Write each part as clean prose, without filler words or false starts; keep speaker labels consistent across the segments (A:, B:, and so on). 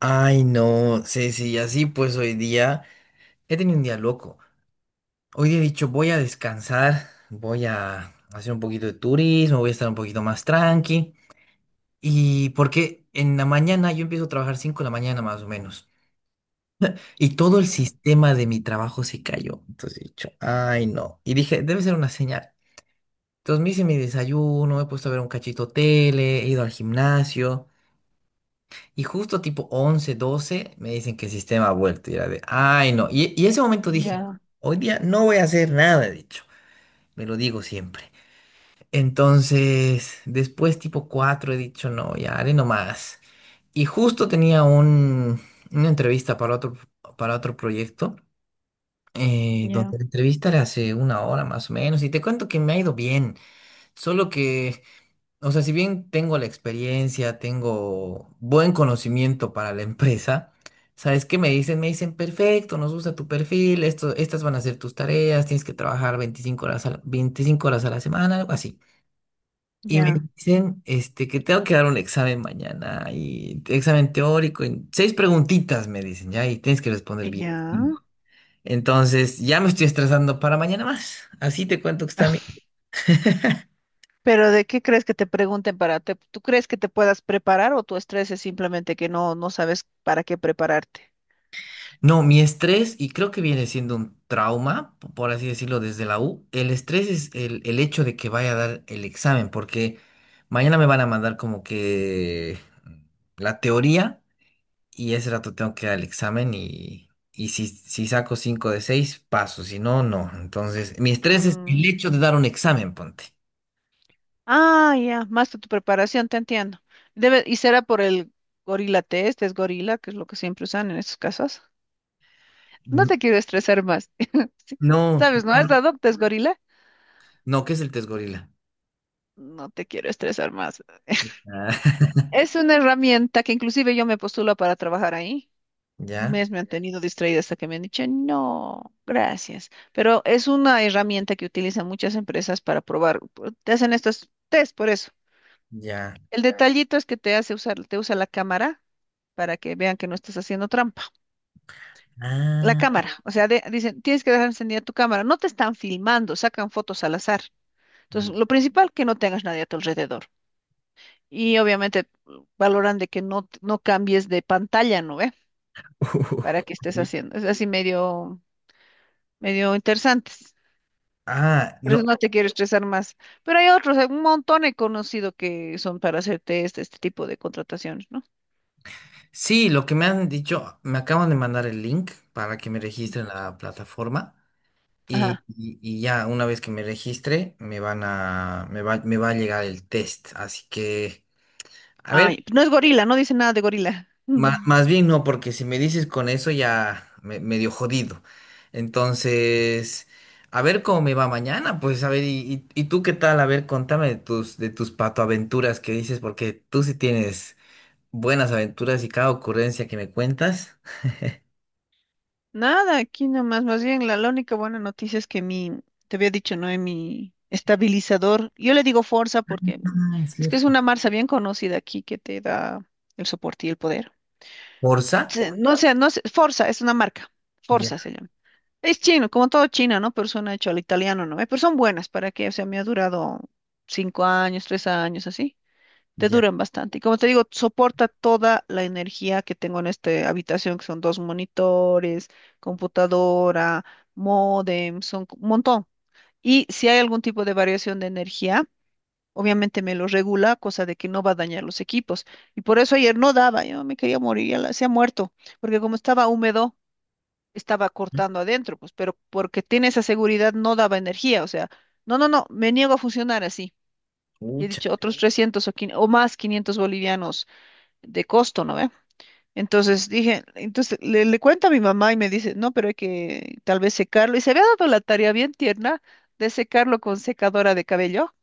A: Ay, no, Ceci, y así pues hoy día he tenido un día loco. Hoy día he dicho, voy a descansar, voy a hacer un poquito de turismo, voy a estar un poquito más tranqui. Y porque en la mañana yo empiezo a trabajar 5 de la mañana más o menos. Y todo el
B: Ya,
A: sistema de mi trabajo se cayó. Entonces he dicho, ay, no. Y dije, debe ser una señal. Entonces me hice mi desayuno, me he puesto a ver un cachito tele, he ido al gimnasio. Y justo tipo 11 12 me dicen que el sistema ha vuelto. Y era de, ay, no. Y ese momento dije,
B: ya,
A: hoy día no voy a hacer nada, he dicho. Me lo digo siempre. Entonces, después tipo 4 he dicho, no, ya haré nomás. Y justo tenía una entrevista para otro proyecto,
B: ya,
A: donde la entrevista era hace una hora más o menos. Y te cuento que me ha ido bien. Solo que, o sea, si bien tengo la experiencia, tengo buen conocimiento para la empresa, ¿sabes qué me dicen? Me dicen, perfecto, nos gusta tu perfil, esto, estas van a ser tus tareas, tienes que trabajar 25 horas a la, 25 horas a la semana, algo así. Y me
B: ya,
A: dicen, este, que tengo que dar un examen mañana, y examen teórico, y seis preguntitas me dicen, ya, y tienes que responder bien.
B: ya.
A: Entonces, ya me estoy estresando para mañana más. Así te cuento que está mi...
B: Pero ¿de qué crees que te pregunten tú crees que te puedas preparar o tu estrés es simplemente que no sabes para qué prepararte?
A: No, mi estrés, y creo que viene siendo un trauma, por así decirlo, desde la U, el estrés es el hecho de que vaya a dar el examen, porque mañana me van a mandar como que la teoría y ese rato tengo que dar el examen y si saco 5 de 6 paso, si no, no. Entonces, mi estrés es el
B: Mm.
A: hecho de dar un examen, ponte.
B: Ah, ya, más de tu preparación, te entiendo. Debe y será por el gorila test, es gorila, que es lo que siempre usan en estos casos. No
A: N-
B: te quiero estresar más.
A: No,
B: ¿Sabes, no? ¿Has dado test gorila?
A: no, ¿qué es el test gorila?
B: No te quiero estresar más.
A: Ah,
B: Es una herramienta que inclusive yo me postulo para trabajar ahí. Un
A: ya,
B: mes me han tenido distraída hasta que me han dicho, no, gracias. Pero es una herramienta que utilizan muchas empresas para probar. Te hacen estos test por eso.
A: ya.
B: El detallito es que te hace usar, te usa la cámara para que vean que no estás haciendo trampa. La
A: Ah.
B: cámara, o sea, dicen, tienes que dejar encendida tu cámara. No te están filmando, sacan fotos al azar. Entonces, lo principal, que no tengas nadie a tu alrededor. Y obviamente valoran de que no cambies de pantalla, ¿no ve? Para que estés haciendo. Es así medio interesantes.
A: Ah,
B: Por eso
A: no.
B: no te quiero estresar más. Pero hay otros, hay un montón he conocido que son para hacerte este tipo de contrataciones, ¿no?
A: Sí, lo que me han dicho, me acaban de mandar el link para que me registre en la plataforma y,
B: Ajá.
A: y- y ya una vez que me registre me van a, me va a llegar el test. Así que, a ver,
B: Ay, no es gorila, no dice nada de gorila. Mm.
A: más bien no, porque si me dices con eso ya me, medio jodido. Entonces, a ver cómo me va mañana, pues a ver, y tú qué tal, a ver, contame de tus patoaventuras que dices, porque tú sí tienes buenas aventuras y cada ocurrencia que me cuentas.
B: Nada, aquí nomás. Más bien, la única buena noticia es que mi, te había dicho, ¿no? En mi estabilizador. Yo le digo Forza porque bueno,
A: Ah, es
B: es que es
A: cierto.
B: una marca bien conocida aquí que te da el soporte y el poder.
A: Forza,
B: No sé, no sé, Forza es una marca, Forza
A: ya,
B: se llama. Es chino, como todo China, ¿no? Pero suena hecho al italiano, ¿no? Pero son buenas, ¿para qué? O sea, me ha durado cinco años, tres años, así. Te
A: ya,
B: duran bastante. Y como te digo, soporta toda la energía que tengo en esta habitación, que son dos monitores, computadora, módem, son un montón. Y si hay algún tipo de variación de energía, obviamente me lo regula, cosa de que no va a dañar los equipos. Y por eso ayer no daba, yo me quería morir, se ha muerto, porque como estaba húmedo, estaba cortando adentro, pues, pero porque tiene esa seguridad no daba energía, o sea, no, me niego a funcionar así. Y he
A: pucha,
B: dicho otros 300 o más 500 bolivianos de costo, ¿no ve? Entonces dije, le cuento a mi mamá y me dice, no, pero hay que tal vez secarlo. Y se había dado la tarea bien tierna de secarlo con secadora de cabello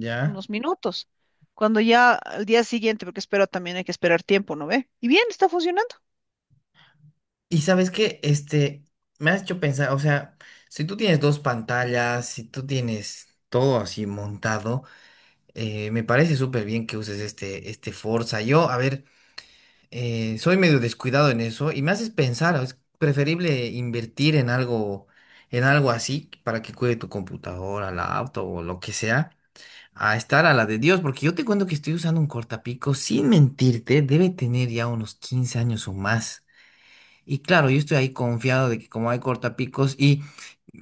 A: ya.
B: unos minutos. Cuando ya al día siguiente, porque espero también hay que esperar tiempo, ¿no ve? Y bien, está funcionando.
A: Y sabes qué, este, me has hecho pensar, o sea, si tú tienes dos pantallas, si tú tienes todo así montado, me parece súper bien que uses este Forza. Yo, a ver, soy medio descuidado en eso y me haces pensar, es preferible invertir en algo así para que cuide tu computadora, la auto o lo que sea, a estar a la de Dios, porque yo te cuento que estoy usando un cortapico, sin mentirte, debe tener ya unos 15 años o más. Y claro, yo estoy ahí confiado de que como hay cortapicos, y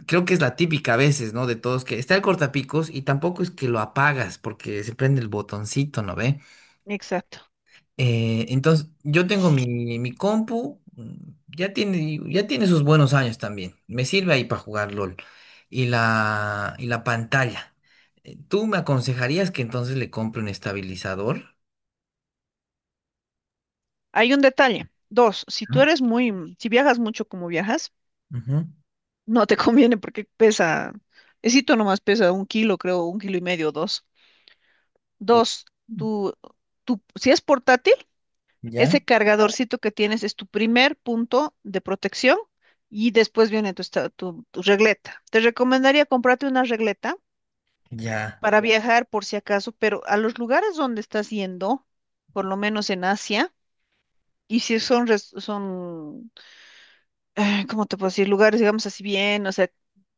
A: creo que es la típica a veces, ¿no? De todos, que está el cortapicos y tampoco es que lo apagas porque se prende el botoncito, ¿no ve?
B: Exacto.
A: Entonces, yo tengo mi compu, ya tiene sus buenos años también. Me sirve ahí para jugar LOL. Y la pantalla. ¿Tú me aconsejarías que entonces le compre un estabilizador?
B: Hay un detalle. Dos, si tú eres si viajas mucho como viajas,
A: Ujú.
B: no te conviene porque pesa, esito nomás pesa un kilo, creo, un kilo y medio, dos.
A: U-
B: Dos, tú, tú, si es portátil,
A: Ya,
B: ese cargadorcito que tienes es tu primer punto de protección y después viene tu regleta. Te recomendaría comprarte una regleta
A: ya,
B: para viajar por si acaso, pero a los lugares donde estás yendo, por lo menos en Asia, y si son, res- son, ¿cómo te puedo decir? Lugares, digamos así bien, o sea,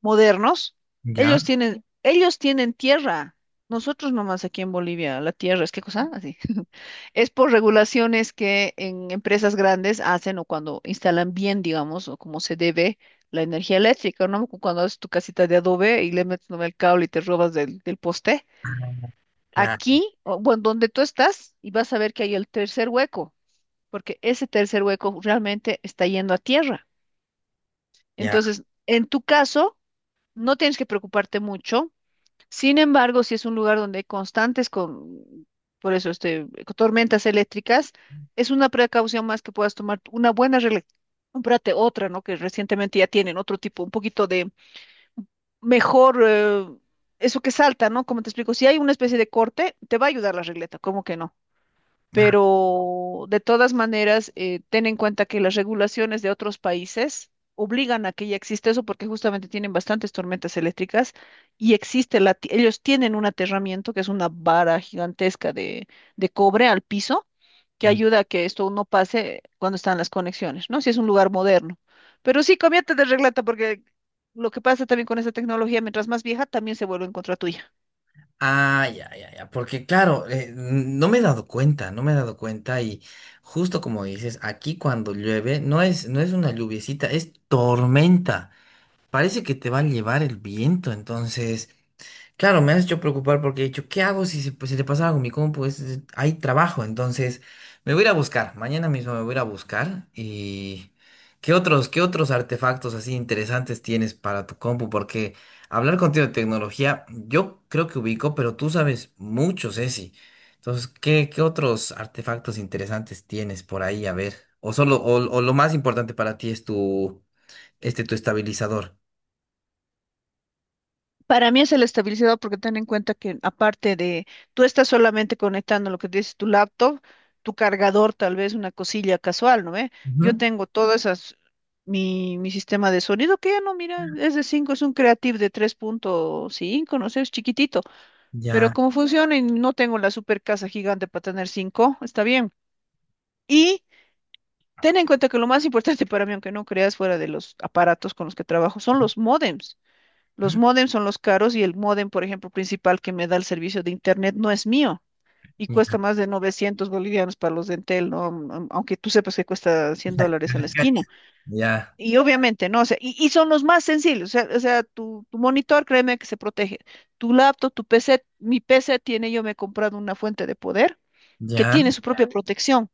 B: modernos,
A: ya,
B: ellos tienen tierra. Nosotros nomás aquí en Bolivia, la tierra es qué cosa, así. Es por regulaciones que en empresas grandes hacen o cuando instalan bien, digamos, o como se debe la energía eléctrica, ¿no? Cuando haces tu casita de adobe y le metes nomás el cable y te robas del poste
A: claro,
B: aquí, o, bueno, donde tú estás, y vas a ver que hay el tercer hueco, porque ese tercer hueco realmente está yendo a tierra.
A: ya.
B: Entonces, en tu caso, no tienes que preocuparte mucho. Sin embargo, si es un lugar donde hay constantes con, por eso, este, tormentas eléctricas, es una precaución más que puedas tomar una buena regla. Cómprate otra, ¿no? Que recientemente ya tienen otro tipo, un poquito de mejor, eso que salta, ¿no? Como te explico, si hay una especie de corte, te va a ayudar la regleta, ¿cómo que no?
A: ah,
B: Pero de todas maneras, ten en cuenta que las regulaciones de otros países obligan a que ya existe eso porque justamente tienen bastantes tormentas eléctricas y existe ellos tienen un aterramiento que es una vara gigantesca de cobre al piso que ayuda a que esto no pase cuando están las conexiones, ¿no? Si es un lugar moderno. Pero sí, cámbiate de regleta porque lo que pasa también con esta tecnología, mientras más vieja, también se vuelve en contra tuya.
A: Ah, ya, ya, ya, porque claro, no me he dado cuenta, no me he dado cuenta y justo como dices, aquí cuando llueve no es, no es una lluviecita, es tormenta. Parece que te va a llevar el viento, entonces... Claro, me has hecho preocupar porque he dicho, ¿qué hago si se, pues, se le pasa algo a mi compu? Hay trabajo, entonces me voy a ir a buscar. Mañana mismo me voy a ir a buscar. ¿Y qué otros artefactos así interesantes tienes para tu compu? Porque hablar contigo de tecnología, yo creo que ubico, pero tú sabes mucho, Ceci. Entonces, ¿qué otros artefactos interesantes tienes por ahí? A ver, o lo más importante para ti es tu estabilizador.
B: Para mí es el estabilizador porque ten en cuenta que aparte de, tú estás solamente conectando lo que dices tu laptop, tu cargador, tal vez una cosilla casual, ¿no ve? Yo
A: Ujú.
B: tengo todas esas, mi sistema de sonido que ya no, mira, es de cinco, es un Creative de tres punto cinco, no sé, es chiquitito, pero
A: Ya.
B: como funciona y no tengo la super casa gigante para tener 5 está bien. Y ten en cuenta que lo más importante para mí, aunque no creas fuera de los aparatos con los que trabajo, son los módems. Los módems son los caros y el módem, por ejemplo, principal que me da el servicio de internet no es mío y cuesta más de 900 bolivianos para los de Entel, ¿no? Am- Aunque tú sepas que cuesta 100
A: Ya.
B: dólares a la esquina.
A: Ya,
B: Y obviamente, ¿no? O sea, y son los más sencillos. O sea, tu monitor, créeme que se protege. Tu laptop, tu PC, mi PC tiene, yo me he comprado una fuente de poder que
A: ya.
B: tiene su propia Ya. protección.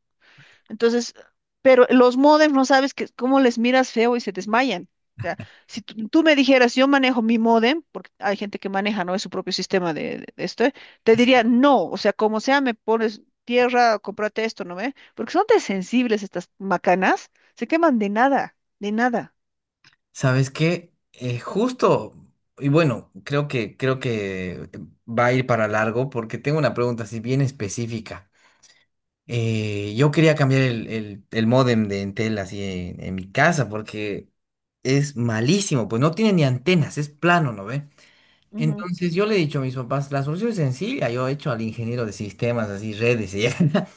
B: Entonces, pero los modems no sabes que, cómo les miras feo y se desmayan. O sea, si tú me dijeras, yo manejo mi modem, porque hay gente que maneja, ¿no? Es su propio sistema de, de esto, ¿eh? Te diría, no, o sea, como sea, me pones tierra, cómprate esto, ¿no ve? Porque son tan sensibles estas macanas, se queman de nada, de nada.
A: ¿Sabes qué? Justo, y bueno, creo que va a ir para largo porque tengo una pregunta así bien específica. Yo quería cambiar el módem de Entel así en mi casa porque es malísimo, pues no tiene ni antenas, es plano, ¿no ve?
B: Ujú,
A: Entonces yo le he dicho a mis papás, la solución es sencilla, yo he hecho al ingeniero de sistemas, así redes, y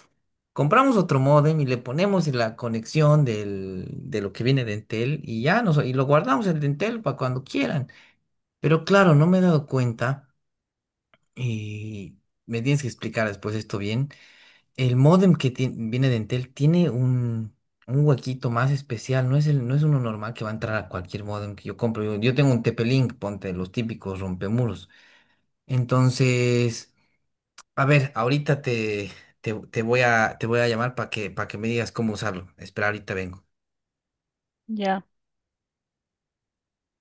A: compramos otro módem y le ponemos la conexión de lo que viene de Entel y ya nos, y lo guardamos el de Entel para cuando quieran. Pero claro, no me he dado cuenta y me tienes que explicar después esto bien. El módem que viene de Entel tiene un huequito más especial, no es uno normal que va a entrar a cualquier módem que yo compro. Yo tengo un TP-Link, ponte los típicos rompemuros. Entonces, a ver, ahorita te, te, te voy a llamar para para que me digas cómo usarlo. Espera, ahorita vengo.
B: ya.